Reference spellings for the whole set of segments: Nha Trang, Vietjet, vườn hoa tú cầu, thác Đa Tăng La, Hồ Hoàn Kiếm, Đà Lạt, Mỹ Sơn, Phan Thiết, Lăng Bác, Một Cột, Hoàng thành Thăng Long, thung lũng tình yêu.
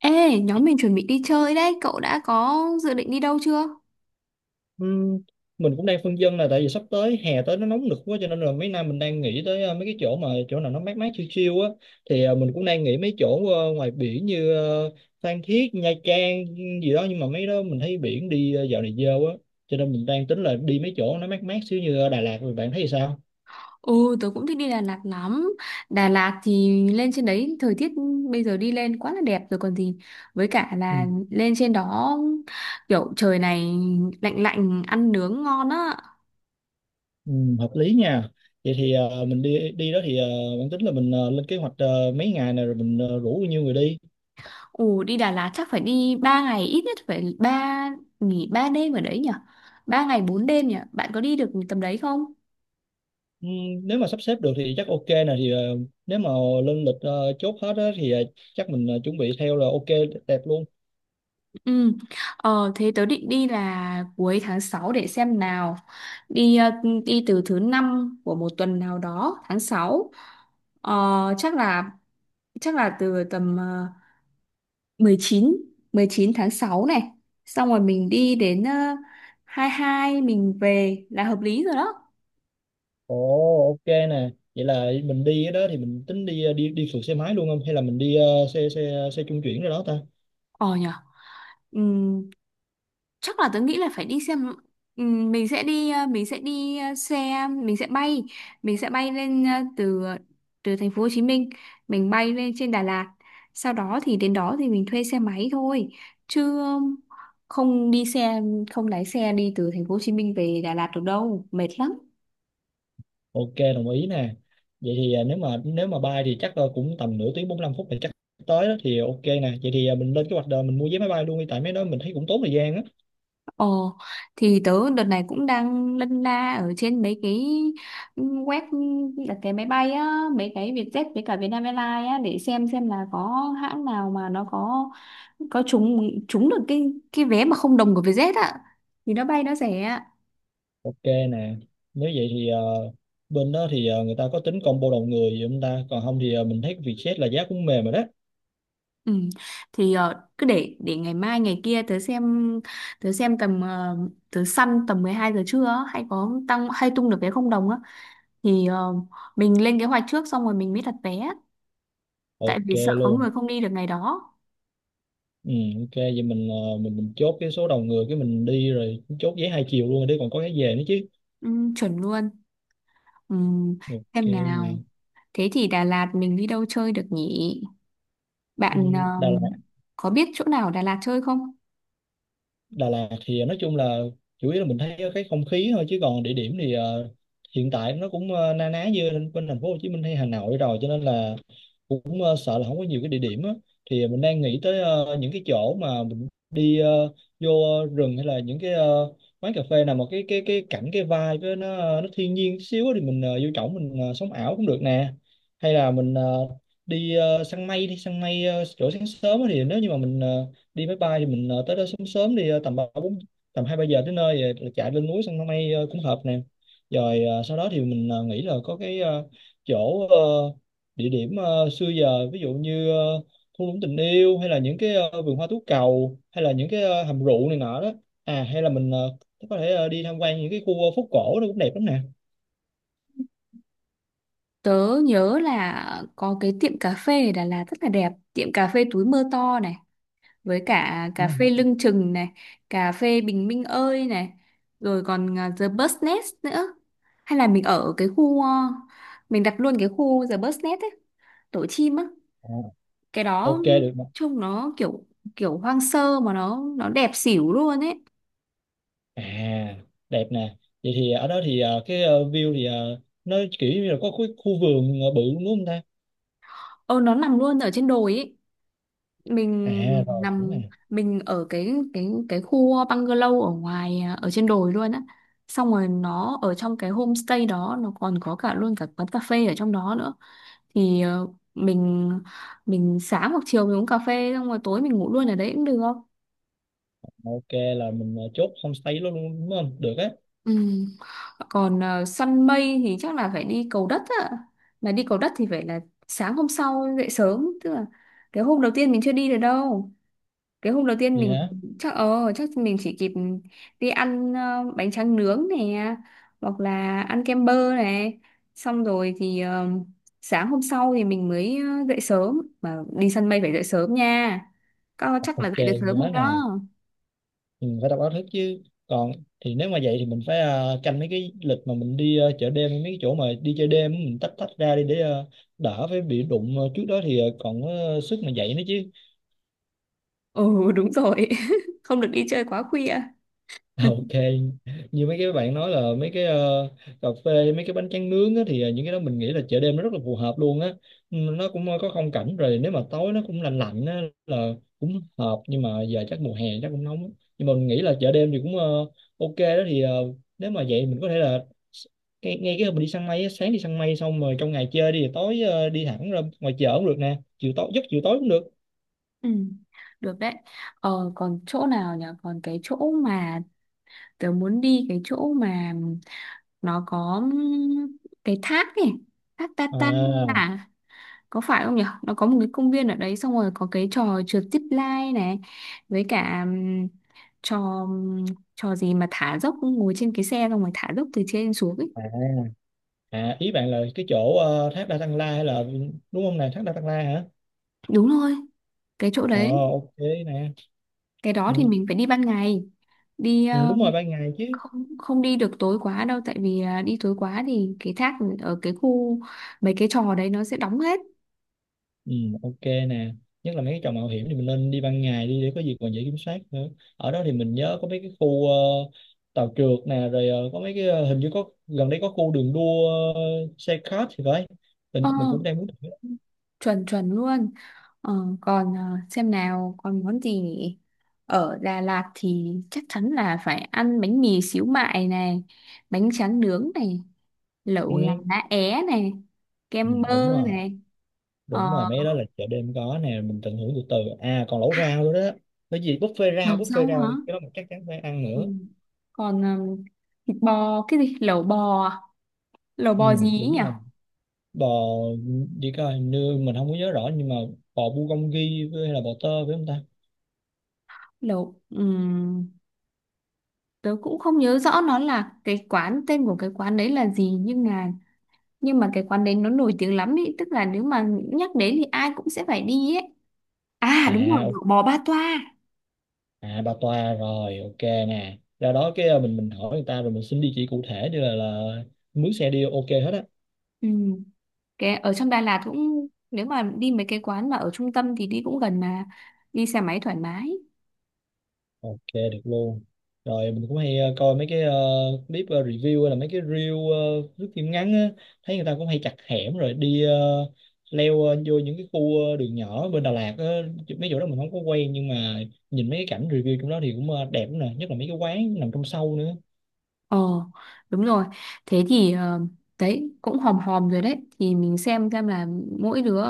Ê, nhóm mình chuẩn bị đi chơi đấy, cậu đã có dự định đi đâu chưa? Ừm, mình cũng đang phân vân là tại vì sắp tới hè tới nó nóng nực quá cho nên là mấy năm mình đang nghĩ tới mấy cái chỗ mà chỗ nào nó mát mát chill chill á thì mình cũng đang nghĩ mấy chỗ ngoài biển như Phan Thiết, Nha Trang gì đó nhưng mà mấy đó mình thấy biển đi dạo này dơ quá cho nên mình đang tính là đi mấy chỗ nó mát mát xíu như Đà Lạt rồi bạn thấy thì sao? Ừ, tớ cũng thích đi Đà Lạt lắm. Đà Lạt thì lên trên đấy thời tiết bây giờ đi lên quá là đẹp rồi còn gì. Với cả Ừ. là lên trên đó kiểu trời này lạnh lạnh ăn nướng ngon á. Ừ, hợp lý nha. Vậy thì mình đi đi đó thì bạn tính là mình lên kế hoạch mấy ngày này rồi mình rủ bao nhiêu người đi? Ồ, đi Đà Lạt chắc phải đi 3 ngày, ít nhất phải nghỉ 3 đêm ở đấy nhỉ? 3 ngày 4 đêm nhỉ? Bạn có đi được tầm đấy không? Ừ, nếu mà sắp xếp được thì chắc ok nè thì nếu mà lên lịch chốt hết á, thì chắc mình chuẩn bị theo là ok đẹp luôn. Ừ. Ờ, thế tớ định đi là cuối tháng sáu, để xem nào. Đi ờ, đi từ thứ năm của một tuần nào đó, tháng sáu. Ờ, chắc là chắc là từ tầm 19 tháng 6 này. Xong rồi mình đi đến 22 mình về là hợp lý rồi đó. Ồ, ok nè, vậy là mình đi đó thì mình tính đi đi đi phượt xe máy luôn không hay là mình đi xe xe xe trung chuyển rồi đó ta? Ờ nhở. Ừ, chắc là tớ nghĩ là phải đi xem. Mình sẽ đi ờ, mình sẽ đi ờ, xe mình sẽ bay, lên từ ờ, từ thành phố Hồ Chí Minh mình bay lên trên Đà Lạt, sau đó thì đến đó thì mình thuê xe máy thôi, chứ không đi xe không lái xe đi từ thành phố Hồ Chí Minh về Đà Lạt được đâu, mệt lắm. Ok, đồng ý nè. Vậy thì nếu mà bay thì chắc cũng tầm nửa tiếng 45 phút thì chắc tới đó thì ok nè. Vậy thì mình lên kế hoạch đời mình mua vé máy bay luôn đi tại mấy đó mình thấy cũng tốn thời gian á. Ồ, thì tớ đợt này cũng đang lân la ở trên mấy cái web đặt vé máy bay á, mấy cái Vietjet với cả Vietnam Airlines á, để xem là có hãng nào mà nó có trúng trúng được cái vé mà không đồng của Vietjet á thì nó bay nó rẻ ạ. Ok nè, nếu vậy thì bên đó thì người ta có tính combo đầu người gì không ta? Còn không thì mình thấy Vietjet là giá cũng mềm rồi đó. Ừ. Thì cứ để ngày mai ngày kia tớ xem tầm ờ, tớ săn tầm 12 giờ trưa á, hay có tăng hay tung được vé không đồng á, thì mình lên kế hoạch trước xong rồi mình mới đặt vé, tại Ok vì sợ có luôn. người không đi được ngày đó. Ừ, ok vậy mình mình chốt cái số đầu người cái mình đi rồi chốt vé hai chiều luôn rồi đi còn có cái về nữa chứ. Ừ, chuẩn luôn. Ừ, Ok xem nè. nào, thế thì Đà Lạt mình đi đâu chơi được nhỉ? Ừ, Bạn Đà có biết chỗ nào ở Đà Lạt chơi không? Đà Lạt thì nói chung là chủ yếu là mình thấy cái không khí thôi chứ còn địa điểm thì hiện tại nó cũng na ná như bên bên thành phố Hồ Chí Minh hay Hà Nội rồi cho nên là cũng sợ là không có nhiều cái địa điểm á. Thì mình đang nghĩ tới những cái chỗ mà mình đi vô rừng hay là những cái quán cà phê nào mà cái cảnh cái vibe với nó nó thiên nhiên chút xíu á thì mình vô trỏng mình sống ảo cũng được nè. Hay là mình đi săn mây, đi săn mây chỗ sáng sớm á thì nếu như mà mình đi máy bay thì mình tới đó sớm sớm đi tầm ba bốn tầm hai ba giờ tới nơi rồi chạy lên núi săn mây cũng hợp nè. Rồi sau đó thì mình nghĩ là có cái chỗ địa điểm xưa giờ ví dụ như thung lũng tình yêu hay là những cái vườn hoa tú cầu hay là những cái hầm rượu này nọ đó. À hay là mình có thể đi tham quan những cái khu phố cổ nó cũng đẹp lắm nè. Tớ nhớ là có cái tiệm cà phê ở Đà Lạt rất là đẹp, tiệm cà phê Túi Mơ To này, với cả Ừ. cà phê Lưng Chừng này, cà phê Bình Minh Ơi này, rồi còn The Bus Nest nữa. Hay là mình ở cái khu, mình đặt luôn cái khu The Bus Nest ấy, Tổ Chim á. Ờ, Cái đó ok được. trông nó kiểu kiểu hoang sơ mà nó đẹp xỉu luôn ấy. À, đẹp nè. Vậy thì ở đó thì cái view thì nó kiểu như là có khu vườn bự luôn đúng không ta? Ờ nó nằm luôn ở trên đồi ấy, mình À rồi, đúng nằm nè. mình ở cái khu bungalow ở ngoài, à, ở trên đồi luôn á. Xong rồi nó ở trong cái homestay đó, nó còn có cả luôn cả quán cà phê ở trong đó nữa. Thì mình mình sáng hoặc chiều mình uống cà phê xong rồi tối mình ngủ luôn ở đấy cũng được. Ok, là mình chốt homestay luôn đúng không? Được á. Ừ. Còn săn mây thì chắc là phải đi Cầu Đất ạ. Mà đi Cầu Đất thì phải là sáng hôm sau dậy sớm, tức là cái hôm đầu tiên mình chưa đi được đâu. Cái hôm đầu tiên mình Vậy chắc mình chỉ kịp đi ăn bánh tráng nướng này, hoặc là ăn kem bơ này. Xong rồi thì sáng hôm sau thì mình mới dậy sớm, mà đi săn mây phải dậy sớm nha. Các con chắc là ok, dậy được sớm nhớ không nè. đó? Mình phải đọc báo thức chứ. Còn thì nếu mà vậy thì mình phải canh mấy cái lịch mà mình đi chợ đêm mấy cái chỗ mà đi chơi đêm mình tách tách ra đi để đỡ phải bị đụng trước đó thì còn có sức mà dậy nữa chứ. Ừ, đúng rồi. Không được đi chơi quá khuya. Ok, như mấy cái bạn nói là mấy cái cà phê, mấy cái bánh tráng nướng á, thì những cái đó mình nghĩ là chợ đêm nó rất là phù hợp luôn á. Ừ, nó cũng có không cảnh rồi nếu mà tối nó cũng lạnh lạnh á, là cũng hợp nhưng mà giờ chắc mùa hè chắc cũng nóng á. Nhưng mà mình nghĩ là chợ đêm thì cũng ok đó thì nếu mà vậy mình có thể là s- ngay cái hôm mình đi săn mây á, sáng đi săn mây xong rồi trong ngày chơi đi rồi tối đi thẳng ra ngoài chợ cũng được nè, chiều tối cũng được. Ừ, được đấy. Ờ, còn chỗ nào nhỉ? Còn cái chỗ mà tớ muốn đi, cái chỗ mà nó có cái thác này, thác Tatan, À, à, có phải không nhỉ? Nó có một cái công viên ở đấy, xong rồi có cái trò trượt zip line này, với cả trò trò gì mà thả dốc, ngồi trên cái xe xong rồi thả dốc từ trên xuống ấy. à À, ý bạn là cái chỗ thác Đa Tăng La hay là đúng không nè, thác Đa Tăng La hả? Đúng rồi, cái chỗ Ờ đấy, ok nè. cái đó Ừ, thì mình phải đi ban ngày. Đi ừ, ờ, đúng rồi ban ngày chứ. không không đi được tối quá đâu, tại vì à, đi tối quá thì cái thác ở cái khu, mấy cái trò đấy nó sẽ đóng hết. Ừ, ok nè. Nhất là mấy cái trò mạo hiểm thì mình nên đi ban ngày đi để có gì còn dễ kiểm soát nữa. Ở đó thì mình nhớ có mấy cái khu tàu trượt nè rồi có mấy cái hình như có gần đây có khu đường đua ờ, xe kart thì phải. ờ Mình cũng đang muốn thử. chuẩn chuẩn luôn. ờ, còn à, xem nào, còn món gì nhỉ? Ở Đà Lạt thì chắc chắn là phải ăn bánh mì xíu mại này, bánh tráng nướng này, lẩu gà Ừ, lá é này, ừ, kem đúng bơ rồi. này. ờ, Đúng rồi mấy cái đó là chợ đêm có nè, mình tận hưởng từ từ. À còn lẩu rau nữa đó, bởi vì buffet rau lẩu rau buffet hả? rau cái đó mình chắc chắn phải ăn Ừ. nữa. Còn à, thịt bò, cái gì lẩu bò à? Lẩu Ừ, bò gì ấy nhỉ? đúng rồi bò, đi coi hình như mình không có nhớ rõ nhưng mà bò bulgogi với hay là bò tơ phải không ta? Lẩu tớ cũng không nhớ rõ nó là cái quán, tên của cái quán đấy là gì, nhưng mà cái quán đấy nó nổi tiếng lắm ý, tức là nếu mà nhắc đến thì ai cũng sẽ phải đi ấy. À đúng rồi, à o- lẩu bò Ba Toa. À bà toa rồi, ok nè, ra đó cái mình hỏi người ta rồi mình xin địa chỉ cụ thể để là mướn xe đi ok hết á. Ừm, cái ở trong Đà Lạt cũng, nếu mà đi mấy cái quán mà ở trung tâm thì đi cũng gần mà, đi xe máy thoải mái. Ok được luôn. Rồi mình cũng hay coi mấy cái clip review hay là mấy cái reel review phim ngắn á, thấy người ta cũng hay chặt hẻm rồi đi leo vô những cái khu đường nhỏ bên Đà Lạt á. Chứ mấy chỗ đó mình không có quen nhưng mà nhìn mấy cái cảnh review trong đó thì cũng đẹp lắm nè, nhất là mấy cái quán nằm trong sâu nữa. Ồ, đúng rồi. Thế thì đấy cũng hòm hòm rồi đấy. Thì mình xem là mỗi đứa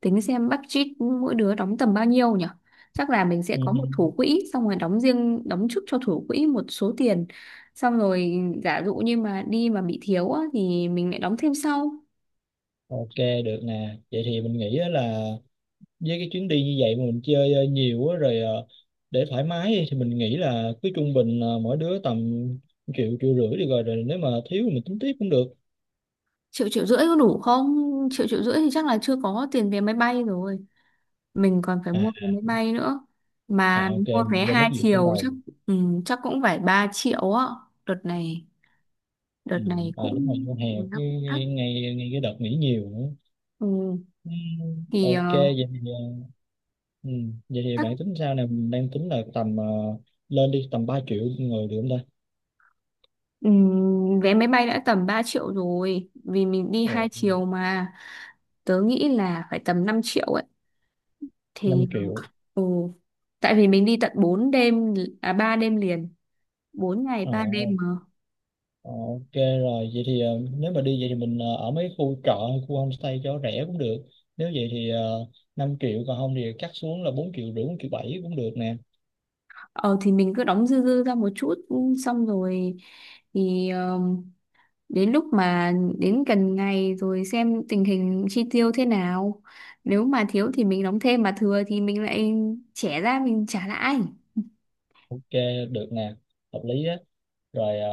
tính xem budget mỗi đứa đóng tầm bao nhiêu nhỉ? Chắc là mình sẽ Ừ. có một thủ quỹ, xong rồi đóng riêng, đóng trước cho thủ quỹ một số tiền. Xong rồi giả dụ như mà đi mà bị thiếu á, thì mình lại đóng thêm sau. Ok được nè. Vậy thì mình nghĩ á là với cái chuyến đi như vậy mà mình chơi nhiều á rồi để thoải mái đi thì mình nghĩ là cứ trung bình mỗi đứa tầm triệu triệu rưỡi đi rồi, rồi nếu mà thiếu thì mình tính tiếp cũng được. Triệu triệu rưỡi có đủ không? Triệu triệu rưỡi thì chắc là chưa có tiền vé máy bay rồi. Mình còn phải à, mua vé máy bay nữa, mà ok mua mình vé quên mất hai vụ trong chiều đầu. chắc. Ừ, chắc cũng phải 3 triệu á. đợt này đợt Ừ, này à đúng rồi cũng, con hè, nó cái cũng thắt. ngay ngay ngay cái đợt nghỉ nhiều nữa. Ừ, Ừ, thì ok vậy thì ừ, vậy thì chắc bạn tính sao nè, mình đang tính là tầm lên đi tầm 3 triệu người được không ta? ừ, vé máy bay đã tầm 3 triệu rồi, vì mình đi hai Ồ, chiều mà. Tớ nghĩ là phải tầm 5 triệu ấy. 5 Thì triệu ừ, tại vì mình đi tận 4 đêm, à 3 đêm liền, bốn ngày ờ. ba đêm mà. Ờ, ok rồi, vậy thì nếu mà đi vậy thì mình ở mấy khu trọ hay khu homestay cho rẻ cũng được. Nếu vậy thì uh, 5 triệu còn không thì cắt xuống là 4 triệu rưỡi, 4 triệu 7 cũng được nè. Ờ thì mình cứ đóng dư dư ra một chút. Ừ, xong rồi thì ờ, đến lúc mà đến gần ngày rồi xem tình hình chi tiêu thế nào, nếu mà thiếu thì mình đóng thêm, mà thừa thì mình lại trẻ ra mình trả lại. Ok, được nè, hợp lý á. Rồi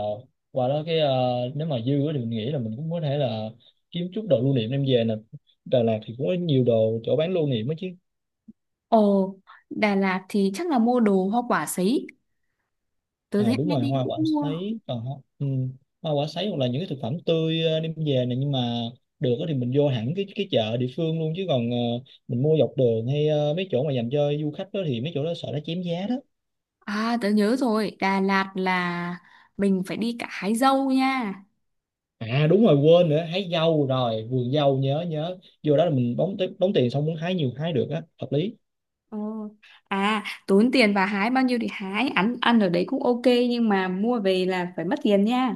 qua đó cái nếu mà dư á thì mình nghĩ là mình cũng có thể là kiếm chút đồ lưu niệm đem về nè. Đà Lạt thì cũng có nhiều đồ chỗ bán lưu niệm á chứ. Ồ, Đà Lạt thì chắc là mua đồ hoa quả sấy, tớ À thấy đúng ai rồi đi hoa cũng quả mua. sấy còn ừ. Hoa quả sấy hoặc là những cái thực phẩm tươi đem về này nhưng mà được á thì mình vô hẳn cái chợ địa phương luôn chứ còn mình mua dọc đường hay mấy chỗ mà dành cho du khách đó thì mấy chỗ đó sợ nó chém giá đó. À, tớ nhớ rồi, Đà Lạt là mình phải đi cả hái dâu nha. À đúng rồi quên nữa, hái dâu rồi vườn dâu nhớ nhớ, vô đó là mình đóng tiền xong muốn hái nhiều hái được á, hợp lý. Ờ. À, tốn tiền, và hái bao nhiêu thì hái, ăn ăn ở đấy cũng ok, nhưng mà mua về là phải mất tiền nha.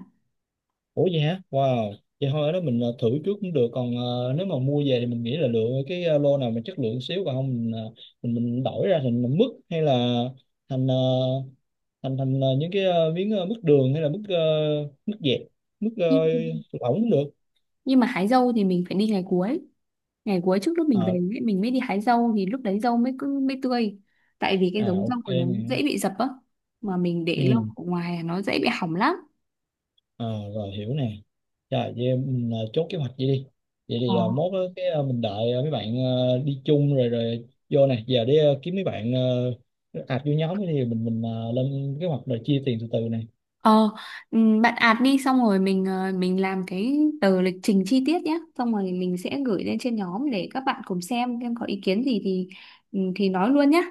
Ủa vậy hả? Wow. Vậy thôi ở đó mình thử trước cũng được. Còn nếu mà mua về thì mình nghĩ là lựa cái lô nào mà chất lượng xíu còn không mình mình đổi ra thành mứt hay là thành thành thành những cái miếng mứt đường hay là mứt mứt dẹt, mứt lỏng cũng được. Nhưng mà hái dâu thì mình phải đi ngày cuối, ngày cuối trước lúc mình về Ờ, ấy, mình mới đi hái dâu, thì lúc đấy dâu mới cứ mới tươi, tại vì cái à giống dâu ok của nó nè. dễ bị dập á, mà mình để Ừ. lâu ở ngoài là nó dễ bị hỏng lắm. À rồi hiểu nè. Rồi vậy mình chốt kế hoạch vậy đi. Vậy Ờ. thì mốt á, cái mình đợi mấy bạn đi chung rồi rồi vô nè. Giờ để kiếm mấy bạn ạt vô nhóm thì mình lên kế hoạch rồi chia tiền từ từ nè. ờ bạn ạt đi xong rồi mình làm cái tờ lịch trình chi tiết nhé, xong rồi mình sẽ gửi lên trên nhóm để các bạn cùng xem có ý kiến gì thì nói luôn nhé.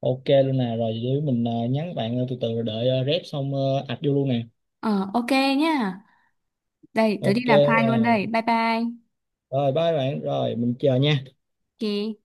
Ok luôn nè, rồi để mình nhắn bạn từ từ rồi đợi rep xong ạt vô luôn nè. Ờ, ok nhá, đây tớ đi Ok làm file luôn rồi đây, bye bye. rồi, bye bạn rồi mình chờ nha. Ok.